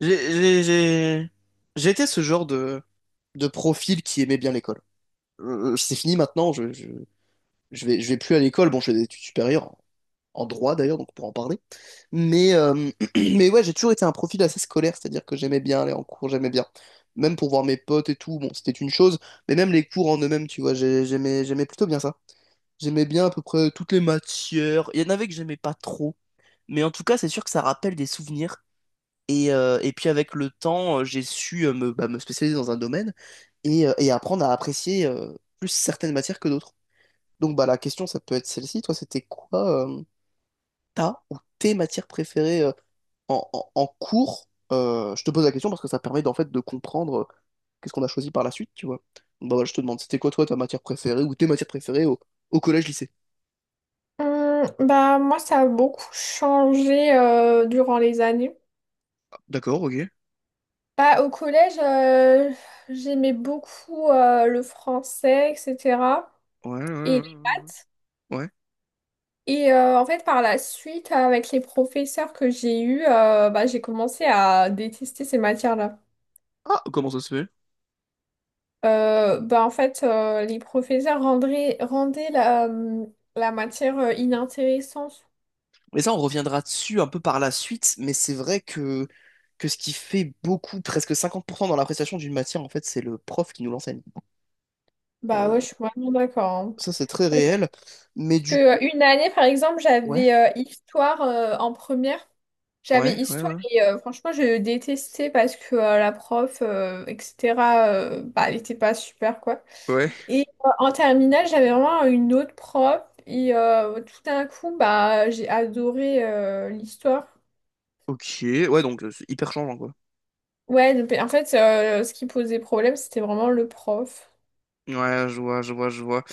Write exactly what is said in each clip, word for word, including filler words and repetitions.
J'ai j'ai- j'ai- J'étais ce genre de, de profil qui aimait bien l'école. Euh, c'est fini maintenant, je, je, je vais, je vais plus à l'école. Bon, je fais des études supérieures, en, en droit d'ailleurs, donc on pourra en parler. Mais, euh, mais ouais, j'ai toujours été un profil assez scolaire, c'est-à-dire que j'aimais bien aller en cours, j'aimais bien. Même pour voir mes potes et tout, bon, c'était une chose, mais même les cours en eux-mêmes, tu vois, j'ai- j'aimais, j'aimais plutôt bien ça. J'aimais bien à peu près toutes les matières. Il y en avait que j'aimais pas trop. Mais en tout cas, c'est sûr que ça rappelle des souvenirs et, euh, et puis avec le temps, euh, j'ai su euh, me, bah, me spécialiser dans un domaine et, euh, et apprendre à apprécier euh, plus certaines matières que d'autres. Donc bah, la question, ça peut être celle-ci. Toi, c'était quoi euh, ta ou tes matières préférées euh, en, en- en cours? Euh, je te pose la question parce que ça permet d'en fait de comprendre euh, qu'est-ce qu'on a choisi par la suite, tu vois. Donc, bah, voilà, je te demande, c'était quoi toi ta matière préférée ou tes matières préférées au, au collège-lycée? Hum, bah, moi, ça a beaucoup changé euh, durant les années. D'accord, ok. Ouais, Bah, au collège, euh, j'aimais beaucoup euh, le français, et cetera. ouais, Et, ouais. ouais. ouais. et euh, en fait, par la suite, avec les professeurs que j'ai eus, euh, bah, j'ai commencé à détester ces matières-là. Ah, comment ça se fait? Euh, bah, en fait, euh, les professeurs rendraient- rendaient la, la matière euh, inintéressante. Mais ça, on reviendra dessus un peu par la suite, mais c'est vrai que, que ce qui fait beaucoup, presque cinquante pour cent dans l'appréciation d'une matière, en fait, c'est le prof qui nous l'enseigne. Bah ouais, Euh, je suis vraiment d'accord, hein. Ça, c'est très réel, mais Parce que du... euh, une année, par exemple, Ouais, j'avais euh, histoire euh, en première. J'avais ouais, ouais, histoire ouais. et euh, franchement, je détestais parce que euh, la prof, euh, et cetera, euh, bah, elle était pas super, quoi. Ouais. Et euh, en terminale, j'avais vraiment une autre prof et euh, tout d'un coup, bah, j'ai adoré euh, l'histoire. Ok, ouais, donc euh, c'est hyper changeant, quoi. Ouais, donc, en fait, euh, ce qui posait problème, c'était vraiment le prof. Ouais, je vois, je vois, je vois.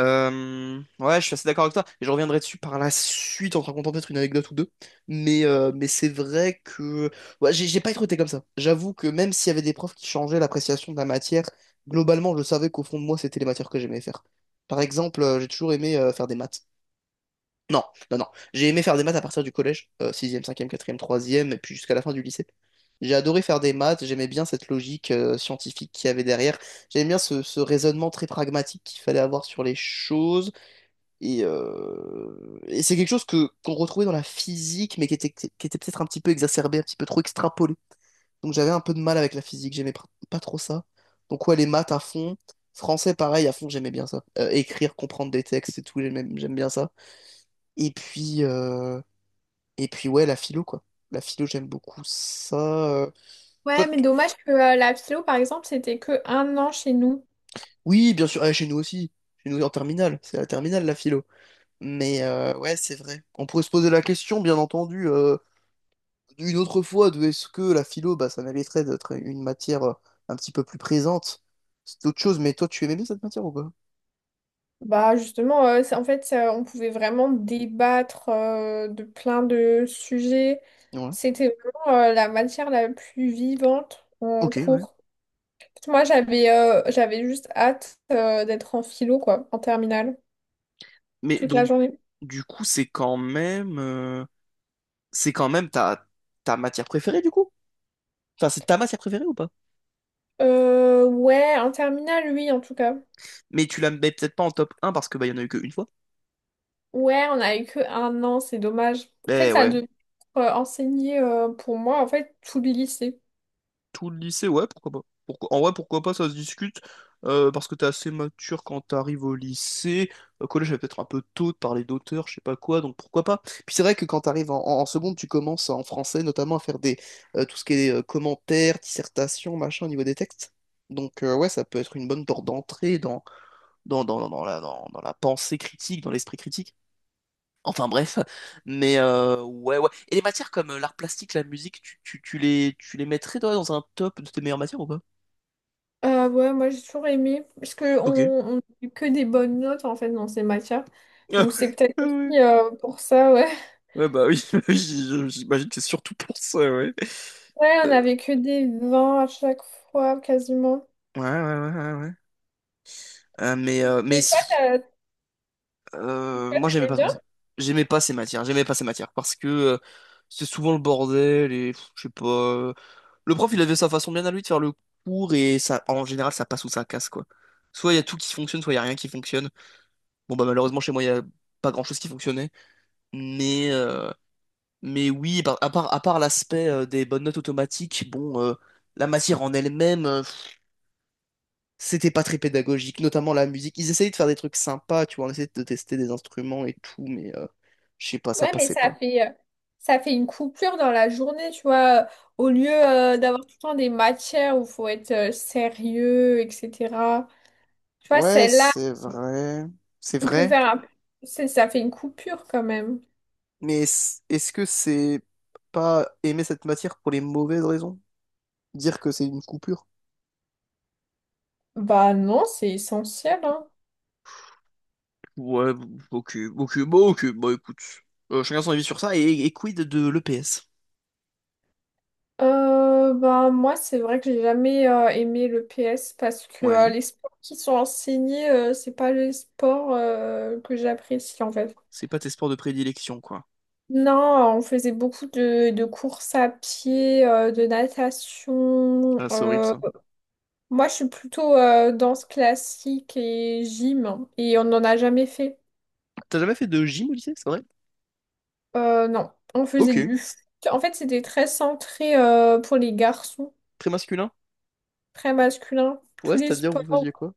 Euh, ouais, je suis assez d'accord avec toi. Et je reviendrai dessus par la suite en te racontant peut-être une anecdote ou deux. Mais, euh, mais c'est vrai que ouais, j'ai j'ai pas été recruté comme ça. J'avoue que même s'il y avait des profs qui changeaient l'appréciation de la matière, globalement, je savais qu'au fond de moi, c'était les matières que j'aimais faire. Par exemple, euh, j'ai toujours aimé euh, faire des maths. Non, non, non. J'ai aimé faire des maths à partir du collège, sixième, cinquième, quatrième et puis jusqu'à la fin du lycée. J'ai adoré faire des maths, j'aimais bien cette logique euh, scientifique qu'il y avait derrière, j'aimais bien ce, ce raisonnement très pragmatique qu'il fallait avoir sur les choses, et, euh, et c'est quelque chose que qu'on retrouvait dans la physique, mais qui était, qui était peut-être un petit peu exacerbé, un petit peu trop extrapolé. Donc j'avais un peu de mal avec la physique, j'aimais pr- pas trop ça. Donc ouais, les maths à fond, français pareil à fond, j'aimais bien ça. Euh, écrire, comprendre des textes et tout, j'aimais- j'aime bien ça. Et puis, euh, et puis ouais, la philo, quoi. La philo, j'aime beaucoup ça. Euh, Toi, Ouais, mais t- dommage que euh, la philo, par exemple, c'était que un an chez nous. oui, bien sûr, ah, chez nous aussi. Chez nous en terminale, c'est la terminale, la philo. Mais euh, ouais, c'est vrai. On pourrait se poser la question, bien entendu, euh, une autre fois, de est-ce que la philo, bah, ça mériterait d'être une matière euh, un petit peu plus présente. C'est autre chose, mais toi, tu aimais bien cette matière ou pas? Bah justement, euh, c'est- en fait, euh, on pouvait vraiment débattre euh, de plein de sujets. Ouais. C'était vraiment euh, la matière la plus vivante en Ok, ouais. cours. Moi, j'avais euh, j'avais juste hâte euh, d'être en philo, quoi, en terminale, Mais toute la donc, journée. du coup, c'est quand même, euh, c'est quand même ta, ta matière préférée, du coup? Enfin, c'est ta matière préférée ou pas? Euh, ouais, en terminale, oui, en tout cas. Mais tu la mets peut-être pas en top un parce que bah, il y en a eu qu'une fois. Ouais, on a eu que un an, c'est dommage. En fait, Mais ça ouais, devait être euh, enseigné euh, pour moi, en fait, tout le lycée. tout le lycée, ouais, pourquoi pas. Pourquoi... En vrai, pourquoi pas, ça se discute. Euh, parce que t'es assez mature quand t'arrives au lycée. Au collège, j'avais peut-être un peu tôt de parler d'auteur, je sais pas quoi, donc pourquoi pas. Puis c'est vrai que quand t'arrives en, en, en seconde, tu commences en français notamment à faire des euh, tout ce qui est euh, commentaires, dissertations, machin au niveau des textes. Donc euh, ouais, ça peut être une bonne porte d'entrée dans, dans, dans, dans dans la, dans, dans la pensée critique, dans l'esprit critique. Enfin bref, mais euh, ouais ouais. Et les matières comme euh, l'art plastique, la musique, tu, tu, tu les tu les mettrais toi dans un top de tes meilleures matières ou pas? Euh, ouais, moi j'ai toujours aimé, parce que Ok. on on n'a que des bonnes notes en fait dans ces matières. Ah Donc c'est ouais, peut-être ah ouais. aussi euh, pour ça, ouais. Ouais, bah oui, oui, j- j'imagine que c'est surtout pour ça, ouais. Ouais, on Euh, avait que des vingt à chaque fois, quasiment. ouais, ouais, ouais, ouais. ouais. Euh, mais euh, mais Et toi, t'as- euh, moi j'aimais t'aimais pas trop bien? ça. J'aimais pas ces matières, j'aimais pas ces matières parce que euh, c'est souvent le bordel et pff, je sais pas. euh, Le prof il avait sa façon bien à lui de faire le cours et ça en général ça passe ou ça casse quoi. Soit il y a tout qui fonctionne, soit il y a rien qui fonctionne. Bon, bah, malheureusement, chez moi, il y a pas grand-chose qui fonctionnait. Mais, euh, mais oui, par- à part, à part l'aspect euh, des bonnes notes automatiques, bon, euh, la matière en elle-même, euh, pff, c'était pas très pédagogique, notamment la musique. Ils essayaient de faire des trucs sympas, tu vois, on essayait de tester des instruments et tout, mais euh, je sais pas, ça Ouais, mais passait ça pas. fait, euh, ça fait une coupure dans la journée, tu vois. Au lieu euh, d'avoir tout le temps des matières où il faut être euh, sérieux, et cetera. Tu vois, Ouais, celle-là, c'est vrai. C'est on peut vrai. faire un... c'est- ça fait une coupure quand même. Mais est- est-ce que c'est pas aimer cette matière pour les mauvaises raisons? Dire que c'est une coupure? Bah non, c'est essentiel, hein. Ouais, ok, ok, bon, ok, bah écoute. Euh, chacun son avis sur ça. Et, et quid de l'E P S? Euh, ben, moi, c'est vrai que j'ai jamais euh, aimé le P S parce que euh, Ouais, les sports qui sont enseignés, euh, c'est pas les sports euh, que j'apprécie en fait. c'est pas tes sports de prédilection, quoi. Non, on faisait beaucoup de, de courses à pied, euh, de natation. Ah, c'est horrible euh. ça. Moi, je suis plutôt euh, danse classique et gym et on n'en a jamais fait. T'as jamais fait de gym au lycée, c'est vrai? Euh, non, on faisait Ok, du foot. En fait, c'était très centré euh, pour les garçons, très masculin. très masculin. Tous Ouais, les c'est-à-dire, vous faisiez sports. quoi?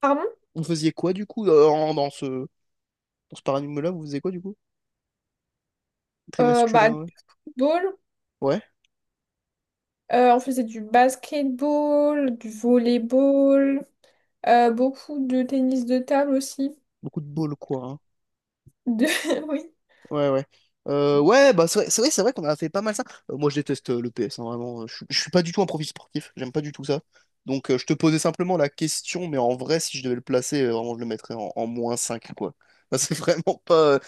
Pardon? Vous faisiez quoi du coup euh, en- dans ce, dans ce paradigme-là, vous faisiez quoi du coup? Très Euh, masculin, bah, du ouais. football. Ouais, Euh, on faisait du basketball, du volleyball, euh, beaucoup de tennis de table aussi. beaucoup de bol, quoi. hein. De... Oui, Ouais, ouais. Euh, ouais, bah c'est vrai, c'est vrai, c'est vrai qu'on a fait pas mal ça. Euh, moi, je déteste euh, le P S, hein, vraiment. euh, Je, suis je suis pas du tout un profil sportif, j'aime pas du tout ça. Donc, euh, je te posais simplement la question, mais en vrai, si je devais le placer, euh, vraiment, je le mettrais en, en moins cinq quoi. Bah, c'est vraiment pas, euh,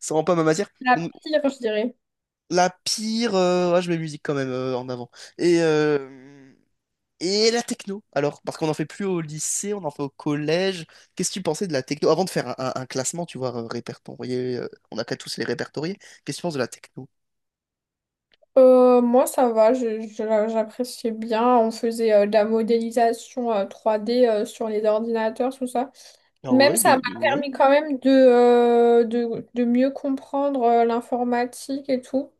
c'est vraiment pas ma matière. la Donc, pire, je dirais. la pire, euh, ouais, je mets musique quand même euh, en avant. Et euh, et la techno, alors, parce qu'on n'en fait plus au lycée, on en fait au collège. Qu'est-ce que tu pensais de la techno? Avant de faire un, un- un classement, tu vois, euh, répertorié, euh, on n'a qu'à tous les répertorier. Qu'est-ce que tu penses de la techno? Euh, moi, ça va, je- je- j'appréciais bien. On faisait euh, de la modélisation euh, trois D euh, sur les ordinateurs, tout ça. Ah Même ouais, de, ça m'a de- ouais. permis quand même de, euh, de, de mieux comprendre euh, l'informatique et tout.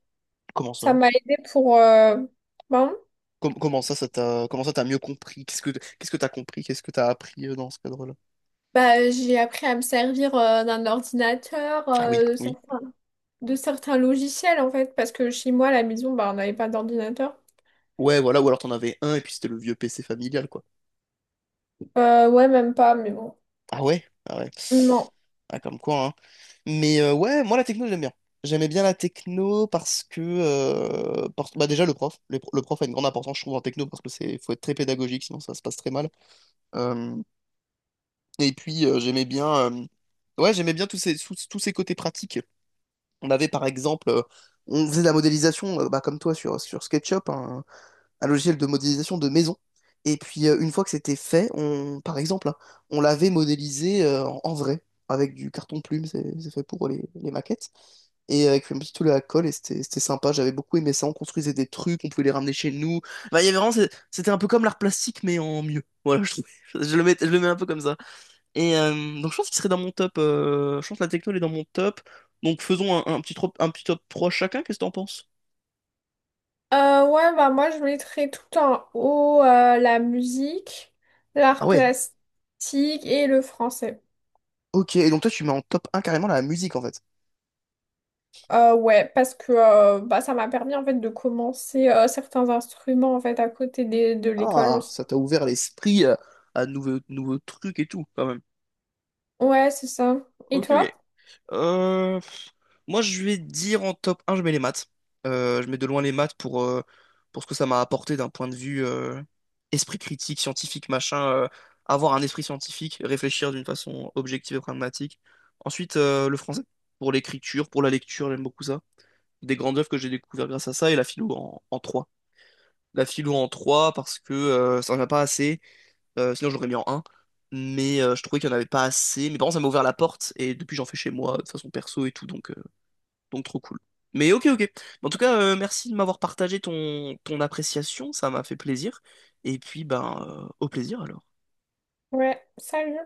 Comment Ça ça? m'a aidé, pour... euh, ben, Com- comment ça, ça t'a, comment ça t'as mieux compris? Qu'est-ce que, qu'est-ce que t'as compris? Qu'est-ce que t'as appris euh, dans ce cadre-là? bah, j'ai appris à me servir euh, d'un ordinateur, Ah oui, euh, oui. certains de certains logiciels en fait, parce que chez moi à la maison, bah, on n'avait pas d'ordinateur. Ouais, voilà, ou alors t'en avais un et puis c'était le vieux P C familial, quoi. Euh, ouais, même pas, mais bon. Ah ouais? Ah ouais. Non. Ah, comme quoi, hein. Mais euh, ouais, moi la techno, j'aime bien. J'aimais bien la techno parce que euh, parce- bah déjà le prof, le, le prof a une grande importance, je trouve, en techno parce que c'est faut être très pédagogique, sinon ça se passe très mal. Euh, et puis euh, j'aimais bien, euh, ouais, j'aimais bien tous ces tous, tous ces côtés pratiques. On avait par exemple, euh, on faisait de la modélisation, euh, bah, comme toi sur sur SketchUp, hein un logiciel de modélisation de maison. Et puis euh, une fois que c'était fait, on, par exemple, hein, on l'avait modélisé euh, en en vrai, avec du carton plume, c'est c'est fait pour les, les maquettes, et avec un petit tout la colle, et c'était c'était sympa, j'avais beaucoup aimé ça, on construisait des trucs, on pouvait les ramener chez nous. Bah il y avait vraiment, c'est- c'était un peu comme l'art plastique, mais en mieux. Voilà, je, trouve- je le mets, je le mets un peu comme ça. Et euh, donc je pense qu'il serait dans mon top, euh, je pense que la techno elle est dans mon top, donc faisons un, un petit, trop- un petit top trois chacun, qu'est-ce que t'en penses? Euh, ouais, bah moi je mettrais tout en haut euh, la musique, Ah l'art ouais, plastique et le français. ok, et donc toi tu mets en top un carrément la musique en fait. Euh, ouais, parce que euh, bah, ça m'a permis en fait de commencer euh, certains instruments en fait à côté des- de l'école Ah, aussi. ça t'a ouvert l'esprit euh, à de nouveaux, nouveaux trucs et tout, quand même. Ouais, c'est ça. Et Ok, toi? ok. Euh, pff, moi, je vais dire en top un je mets les maths. Euh, je mets de loin les maths pour, euh, pour ce que ça m'a apporté d'un point de vue euh, esprit critique, scientifique, machin. Euh, avoir un esprit scientifique, réfléchir d'une façon objective et pragmatique. Ensuite, euh, le français, pour l'écriture, pour la lecture, j'aime beaucoup ça. Des grandes œuvres que j'ai découvertes grâce à ça, et la philo en, en trois. La philo en trois parce que euh, ça n'en a pas assez. Euh, sinon, j'aurais mis en un Mais euh, je trouvais qu'il n'y en avait pas assez. Mes parents, ça m'a ouvert la porte. Et depuis, j'en fais chez moi, de façon perso et tout. Donc, euh, donc trop cool. Mais ok, ok. En tout cas, euh, merci de m'avoir partagé ton, ton appréciation. Ça m'a fait plaisir. Et puis, ben, euh, au plaisir alors. Ouais, salut.